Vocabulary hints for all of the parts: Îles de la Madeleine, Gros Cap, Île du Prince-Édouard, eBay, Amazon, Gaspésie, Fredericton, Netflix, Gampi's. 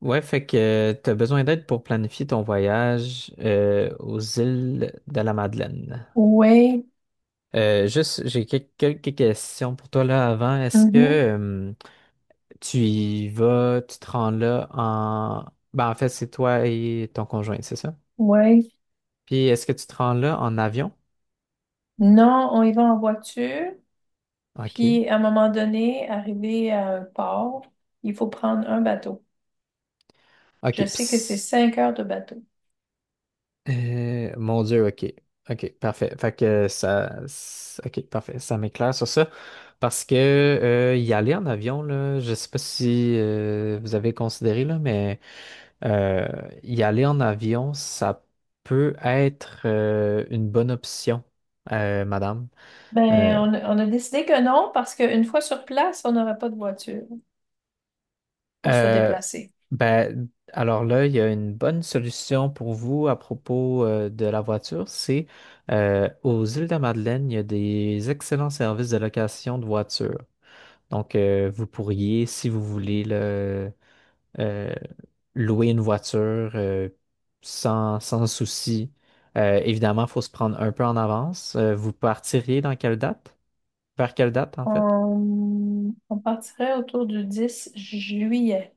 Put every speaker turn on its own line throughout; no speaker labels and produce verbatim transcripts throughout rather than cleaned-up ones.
Ouais, fait que tu as besoin d'aide pour planifier ton voyage euh, aux îles de la Madeleine.
Oui,
Euh, juste, j'ai quel- quelques questions pour toi là avant. Est-ce que
mhm,
euh, tu y vas, tu te rends là en... Ben, en fait, c'est toi et ton conjoint, c'est ça?
oui.
Puis est-ce que tu te rends là en avion?
Non, on y va en voiture,
OK.
puis à un moment donné, arrivé à un port, il faut prendre un bateau. Je
OK.
sais que c'est
Puis
cinq heures de bateau.
Euh, mon Dieu, OK. OK, parfait. Fait que ça. s- OK, parfait. Ça m'éclaire sur ça. Parce que euh, y aller en avion, là, je sais pas si euh, vous avez considéré, là, mais euh, y aller en avion, ça peut être euh, une bonne option, euh, madame. Euh,
Ben, on, a on a décidé que non, parce qu'une fois sur place, on n'aurait pas de voiture pour se
Euh,
déplacer.
ben, alors là, il y a une bonne solution pour vous à propos euh, de la voiture. C'est euh, aux îles de la Madeleine, il y a des excellents services de location de voitures. Donc, euh, vous pourriez, si vous voulez, le, euh, louer une voiture euh, sans, sans souci. Euh, évidemment, il faut se prendre un peu en avance. Euh, vous partiriez dans quelle date? Vers quelle date, en fait?
On, on partirait autour du dix juillet.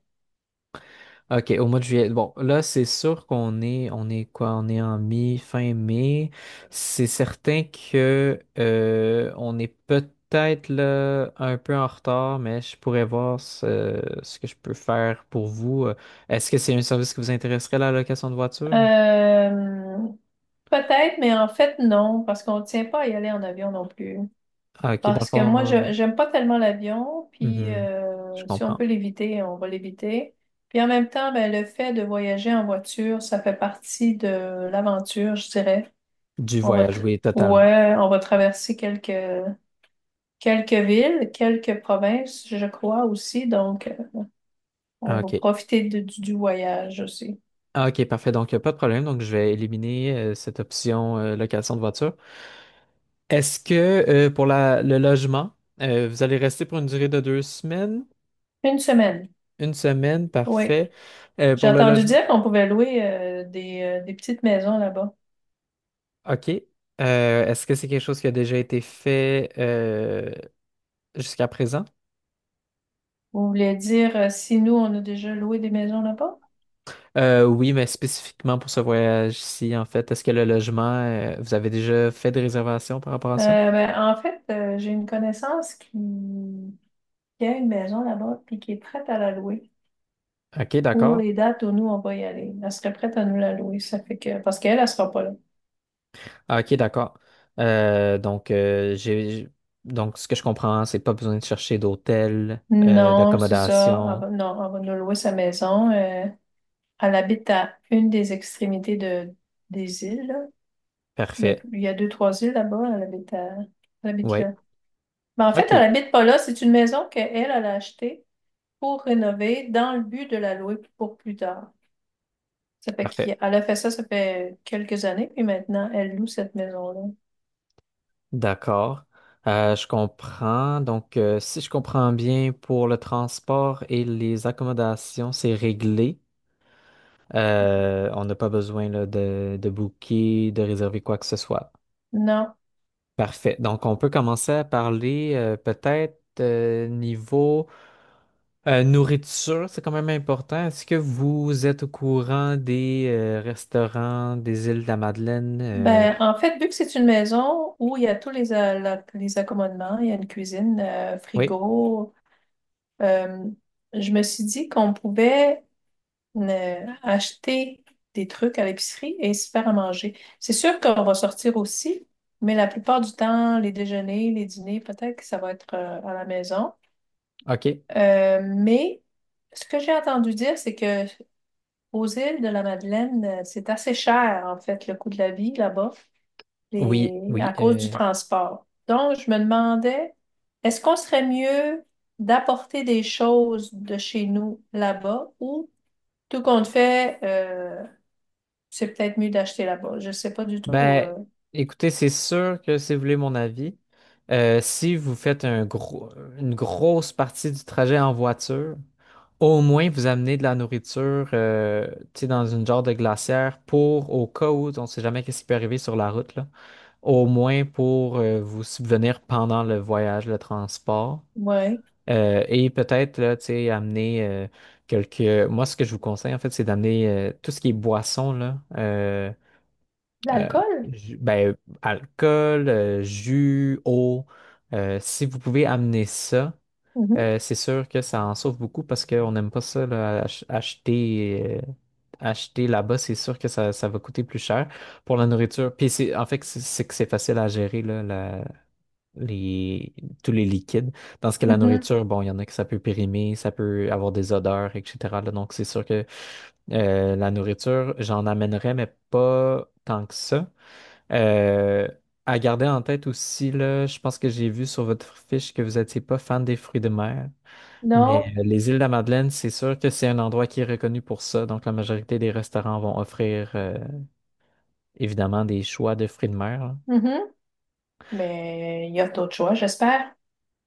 OK, au mois de juillet. Bon, là, c'est sûr qu'on est, on est quoi? On est en mi, fin mai. C'est certain que euh, on est peut-être là un peu en retard, mais je pourrais voir ce, ce que je peux faire pour vous. Euh, Est-ce que c'est un service qui vous intéresserait, la location de voiture?
Euh, Peut-être, mais en fait, non, parce qu'on ne tient pas à y aller en avion non plus.
Ah, OK, dans le
Parce que
fond,
moi,
euh,
je j'aime pas tellement l'avion, puis
mhm, je
euh, si on
comprends.
peut l'éviter, on va l'éviter. Puis en même temps, ben, le fait de voyager en voiture, ça fait partie de l'aventure, je dirais.
Du
On va
voyage,
tra-
oui, totalement.
ouais, on va traverser quelques quelques villes, quelques provinces, je crois aussi. Donc, euh, on va
OK.
profiter de- du, du voyage aussi.
Ah, OK, parfait. Donc, il n'y a pas de problème. Donc, je vais éliminer euh, cette option euh, location de voiture. Est-ce que euh, pour la- le logement, euh, vous allez rester pour une durée de deux semaines?
Une semaine,
Une semaine,
oui.
parfait. Euh,
J'ai
pour le
entendu
logement,
dire qu'on pouvait louer euh, des, euh, des petites maisons là-bas.
OK. Euh, est-ce que c'est quelque chose qui a déjà été fait euh, jusqu'à présent?
Vous voulez dire euh, si nous, on a déjà loué des maisons là-bas?
Euh, oui, mais spécifiquement pour ce voyage-ci, en fait, est-ce que le logement, euh, vous avez déjà fait des réservations par rapport à ça?
Euh, ben, En fait, euh, j'ai une connaissance qui... qui a une maison là-bas puis qui est prête à la louer
OK,
pour
d'accord.
les dates où nous, on va y aller. Elle serait prête à nous la louer, ça fait que... Parce qu'elle, elle sera pas là.
Ah, OK, d'accord. Euh, donc, euh, j'ai, j'ai- donc, ce que je comprends, c'est pas besoin de chercher d'hôtel, euh,
Non, c'est ça. Elle
d'accommodation.
va- Non, elle va nous louer sa maison. Euh, elle habite à une des extrémités de... des îles, là. Il y a...
Parfait.
il y a deux, trois îles là-bas. Elle habite à... elle habite
Ouais,
là. Mais en fait, elle
OK,
habite pas là. C'est une maison qu'elle, elle elle a achetée pour rénover dans le but de la louer pour plus tard. Ça fait
parfait.
qu'elle a fait ça, ça fait quelques années, puis maintenant, elle loue cette maison-là.
D'accord. Euh, je comprends. Donc, euh, si je comprends bien, pour le transport et les accommodations, c'est réglé. Euh, on n'a pas besoin là, de, de booker, de réserver quoi que ce soit.
Non.
Parfait. Donc, on peut commencer à parler euh, peut-être euh, niveau euh, nourriture, c'est quand même important. Est-ce que vous êtes au courant des euh, restaurants des îles de la Madeleine? Euh,
Ben, en fait, vu que c'est une maison où il y a tous les, a- la- les accommodements, il y a une cuisine, euh,
oui,
frigo, euh, je me suis dit qu'on pouvait euh, acheter des trucs à l'épicerie et se faire à manger. C'est sûr qu'on va sortir aussi, mais la plupart du temps, les déjeuners, les dîners, peut-être que ça va être euh, à la maison.
OK.
Euh, mais ce que j'ai entendu dire, c'est que Aux îles de la Madeleine, euh, c'est assez cher, en fait, le coût de la vie là-bas,
Oui,
les-
oui.
à cause du Ouais.
euh,
transport. Donc, je me demandais, est-ce qu'on serait mieux d'apporter des choses de chez nous là-bas ou tout compte fait, euh, c'est peut-être mieux d'acheter là-bas? Je ne sais pas du tout.
ben,
Euh,
écoutez, c'est sûr que si vous voulez mon avis, euh, si vous faites un gros, une grosse partie du trajet en voiture, au moins vous amenez de la nourriture, euh, tu sais, dans une genre de glacière pour, au cas où, on ne sait jamais qu'est-ce qui peut arriver sur la route, là, au moins pour euh, vous subvenir pendant le voyage, le transport.
ouais.
Euh, et peut-être, là, tu sais, amener euh, quelques... Moi, ce que je vous conseille, en fait, c'est d'amener euh, tout ce qui est boisson, là. euh, euh,
L'alcool?
ju- ben, alcool, euh, jus, eau. euh, si vous pouvez amener ça,
Mhm,
euh, c'est sûr que ça en sauve beaucoup parce qu'on n'aime pas ça, là, ach- acheter, euh, acheter là-bas, c'est sûr que ça, ça va coûter plus cher pour la nourriture. Puis c'est, en fait, c'est c'est que c'est facile à gérer, là, la- les, tous les liquides. Dans ce que la
mhm.
nourriture, bon, il y en a que ça peut périmer, ça peut avoir des odeurs, et cetera là. Donc c'est sûr que euh, la nourriture, j'en amènerais, mais pas tant que ça. Euh, à garder en tête aussi, là, je pense que j'ai vu sur votre fiche que vous n'étiez pas fan des fruits de mer, mais
Non?
euh, les îles de la Madeleine, c'est sûr que c'est un endroit qui est reconnu pour ça. Donc, la majorité des restaurants vont offrir euh, évidemment des choix de fruits de mer. Là.
Mhm. Mais il y a d'autres choix, j'espère.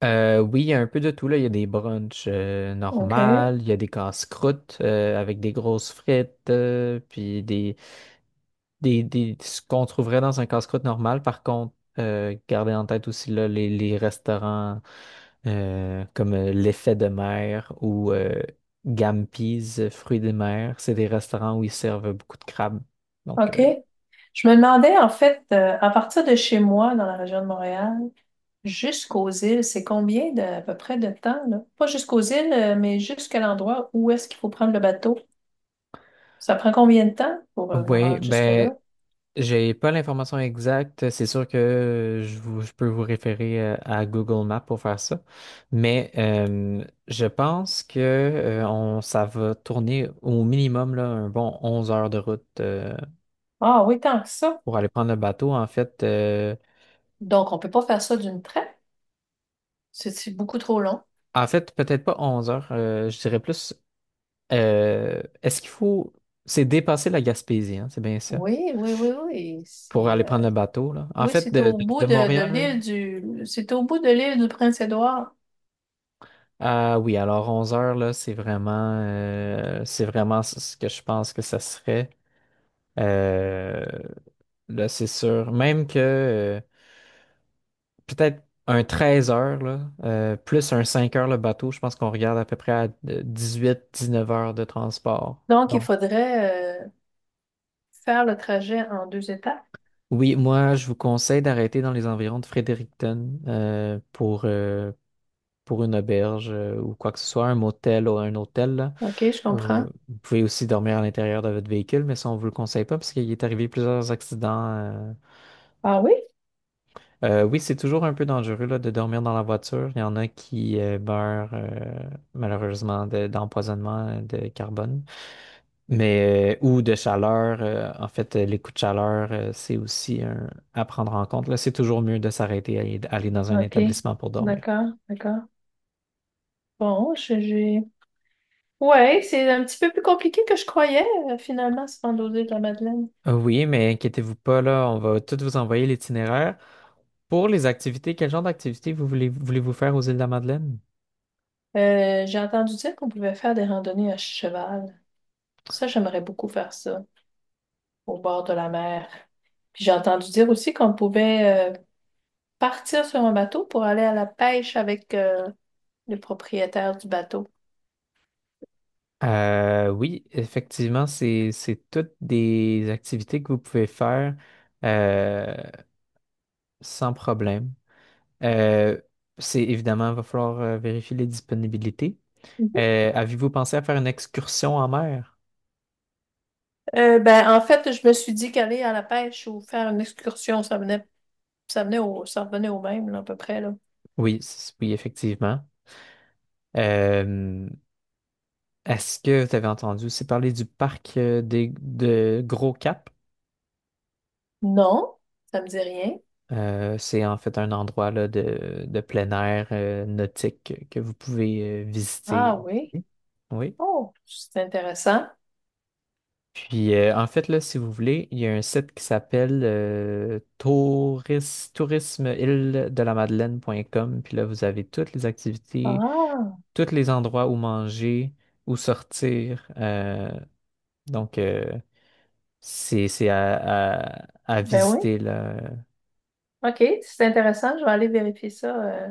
Euh, oui, il y a un peu de tout, là. Il y a des brunchs euh,
OK.
normales, il y a des casse-croûtes euh, avec des grosses frites, euh, puis des, des, des, ce qu'on trouverait dans un casse-croûte normal. Par contre, euh, gardez en tête aussi là, les, les restaurants. Euh, comme euh, l'effet de mer ou euh, Gampi's, euh, fruits des mers. C'est des restaurants où ils servent beaucoup de crabes. Donc,
OK.
euh,
Je me demandais, en fait, euh, à partir de chez moi, dans la région de Montréal, jusqu'aux îles, c'est combien de, à peu près de temps, là? Pas jusqu'aux îles, euh, mais jusqu'à l'endroit où est-ce qu'il faut prendre le bateau. Ça prend combien de temps pour euh, me
oui,
rendre
ben,
jusque-là?
j'ai pas l'information exacte. C'est sûr que euh, je, vous- je peux vous référer euh, à Google Maps pour faire ça. Mais euh, je pense que euh, on, ça va tourner au minimum là, un bon onze heures de route euh,
Ah oui, tant que ça.
pour aller prendre le bateau. En fait, euh,
Donc, on peut pas faire ça d'une traite. C'est c'est beaucoup trop long.
en fait, peut-être pas onze heures, euh, je dirais plus. Euh, est-ce qu'il faut... C'est dépasser la Gaspésie, hein, c'est bien ça,
Oui, oui, oui, oui.
pour
C'est,
aller
euh,
prendre le bateau, là. En
oui,
fait,
c'est
de, de-
au bout
de
de, de
Montréal
l'île du, c'est au bout de l'île du Prince-Édouard.
à... Oui, alors onze heures, là, c'est vraiment... euh, c'est vraiment ce ce que je pense que ça serait. Euh, là, c'est sûr. Même que euh, peut-être un treize heures, là, euh, plus un cinq heures le bateau, je pense qu'on regarde à peu près à dix-huit dix-neuf heures de transport.
Donc, il
Donc,
faudrait, euh, faire le trajet en deux étapes.
oui, moi, je vous conseille d'arrêter dans les environs de Fredericton euh, pour, euh, pour une auberge euh, ou quoi que ce soit, un motel ou un hôtel. Là.
OK, je
Euh,
comprends.
vous pouvez aussi dormir à l'intérieur de votre véhicule, mais ça, on ne vous le conseille pas parce qu'il est arrivé plusieurs accidents. Euh.
Ah oui?
Euh, oui, c'est toujours un peu dangereux là, de dormir dans la voiture. Il y en a qui euh, meurent euh, malheureusement de- d'empoisonnement de carbone, mais euh, ou de chaleur. euh, en fait, euh, les coups de chaleur, euh, c'est aussi un- à prendre en compte. Là, c'est toujours mieux de s'arrêter et d'aller dans un
OK.
établissement pour dormir.
D'accord, d'accord. Bon, je- j'ai... Ouais, c'est un petit peu plus compliqué que je croyais, euh, finalement, se rendre aux îles de la Madeleine.
Euh, Oui, mais inquiétez-vous pas, là, on va tout vous envoyer l'itinéraire. Pour les activités, quel genre d'activités vous voulez, voulez-vous faire aux îles de la Madeleine?
Euh, j'ai entendu dire qu'on pouvait faire des randonnées à cheval. Ça, j'aimerais beaucoup faire ça, au bord de la mer. Puis j'ai entendu dire aussi qu'on pouvait euh, partir sur un bateau pour aller à la pêche avec euh, le propriétaire du bateau.
Euh, oui, effectivement, c'est, c'est toutes des activités que vous pouvez faire euh, sans problème. Euh, c'est évidemment, il va falloir euh, vérifier les disponibilités.
Mhm.
Euh, avez-vous pensé à faire une excursion en mer?
Euh, ben, en fait, je me suis dit qu'aller à la pêche ou faire une excursion, ça venait, ça venait au, ça revenait au même, là, à peu près, là.
Oui, c- oui, effectivement. Euh, est-ce que vous avez entendu aussi parler du parc euh, des, de Gros Cap?
Non, ça me dit rien.
Euh, c'est en fait un endroit là, de, de plein air euh, nautique que vous pouvez euh, visiter.
Ah oui.
Aussi. Oui.
Oh, c'est intéressant.
Puis euh, en fait, là, si vous voulez, il y a un site qui s'appelle euh, touris- tourisme île de la Madeleine point com. Puis là, vous avez toutes les activités,
Ah,
tous les endroits où manger, où sortir. euh, donc, euh, c'est c'est à, à- à
ben oui.
visiter là.
OK, c'est intéressant. Je vais aller vérifier ça. Euh.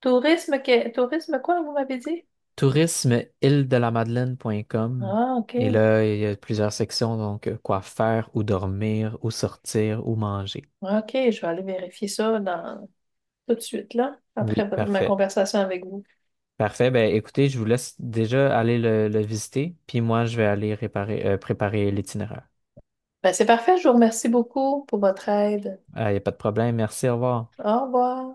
Tourisme, que- tourisme quoi, vous m'avez dit?
tourisme île de la Madeleine point com.
Ah,
Et
OK.
là, il y a plusieurs sections, donc euh, quoi faire, où dormir, où sortir, où manger.
OK, je vais aller vérifier ça dans... tout de suite, là, après
Oui,
votre- ma
parfait.
conversation avec vous.
Parfait. Ben, écoutez, je vous laisse déjà aller le, le visiter, puis moi, je vais aller réparer, euh, préparer l'itinéraire.
Ben, c'est parfait, je vous remercie beaucoup pour votre aide.
Ah, il n'y a pas de problème. Merci, au revoir.
Au revoir.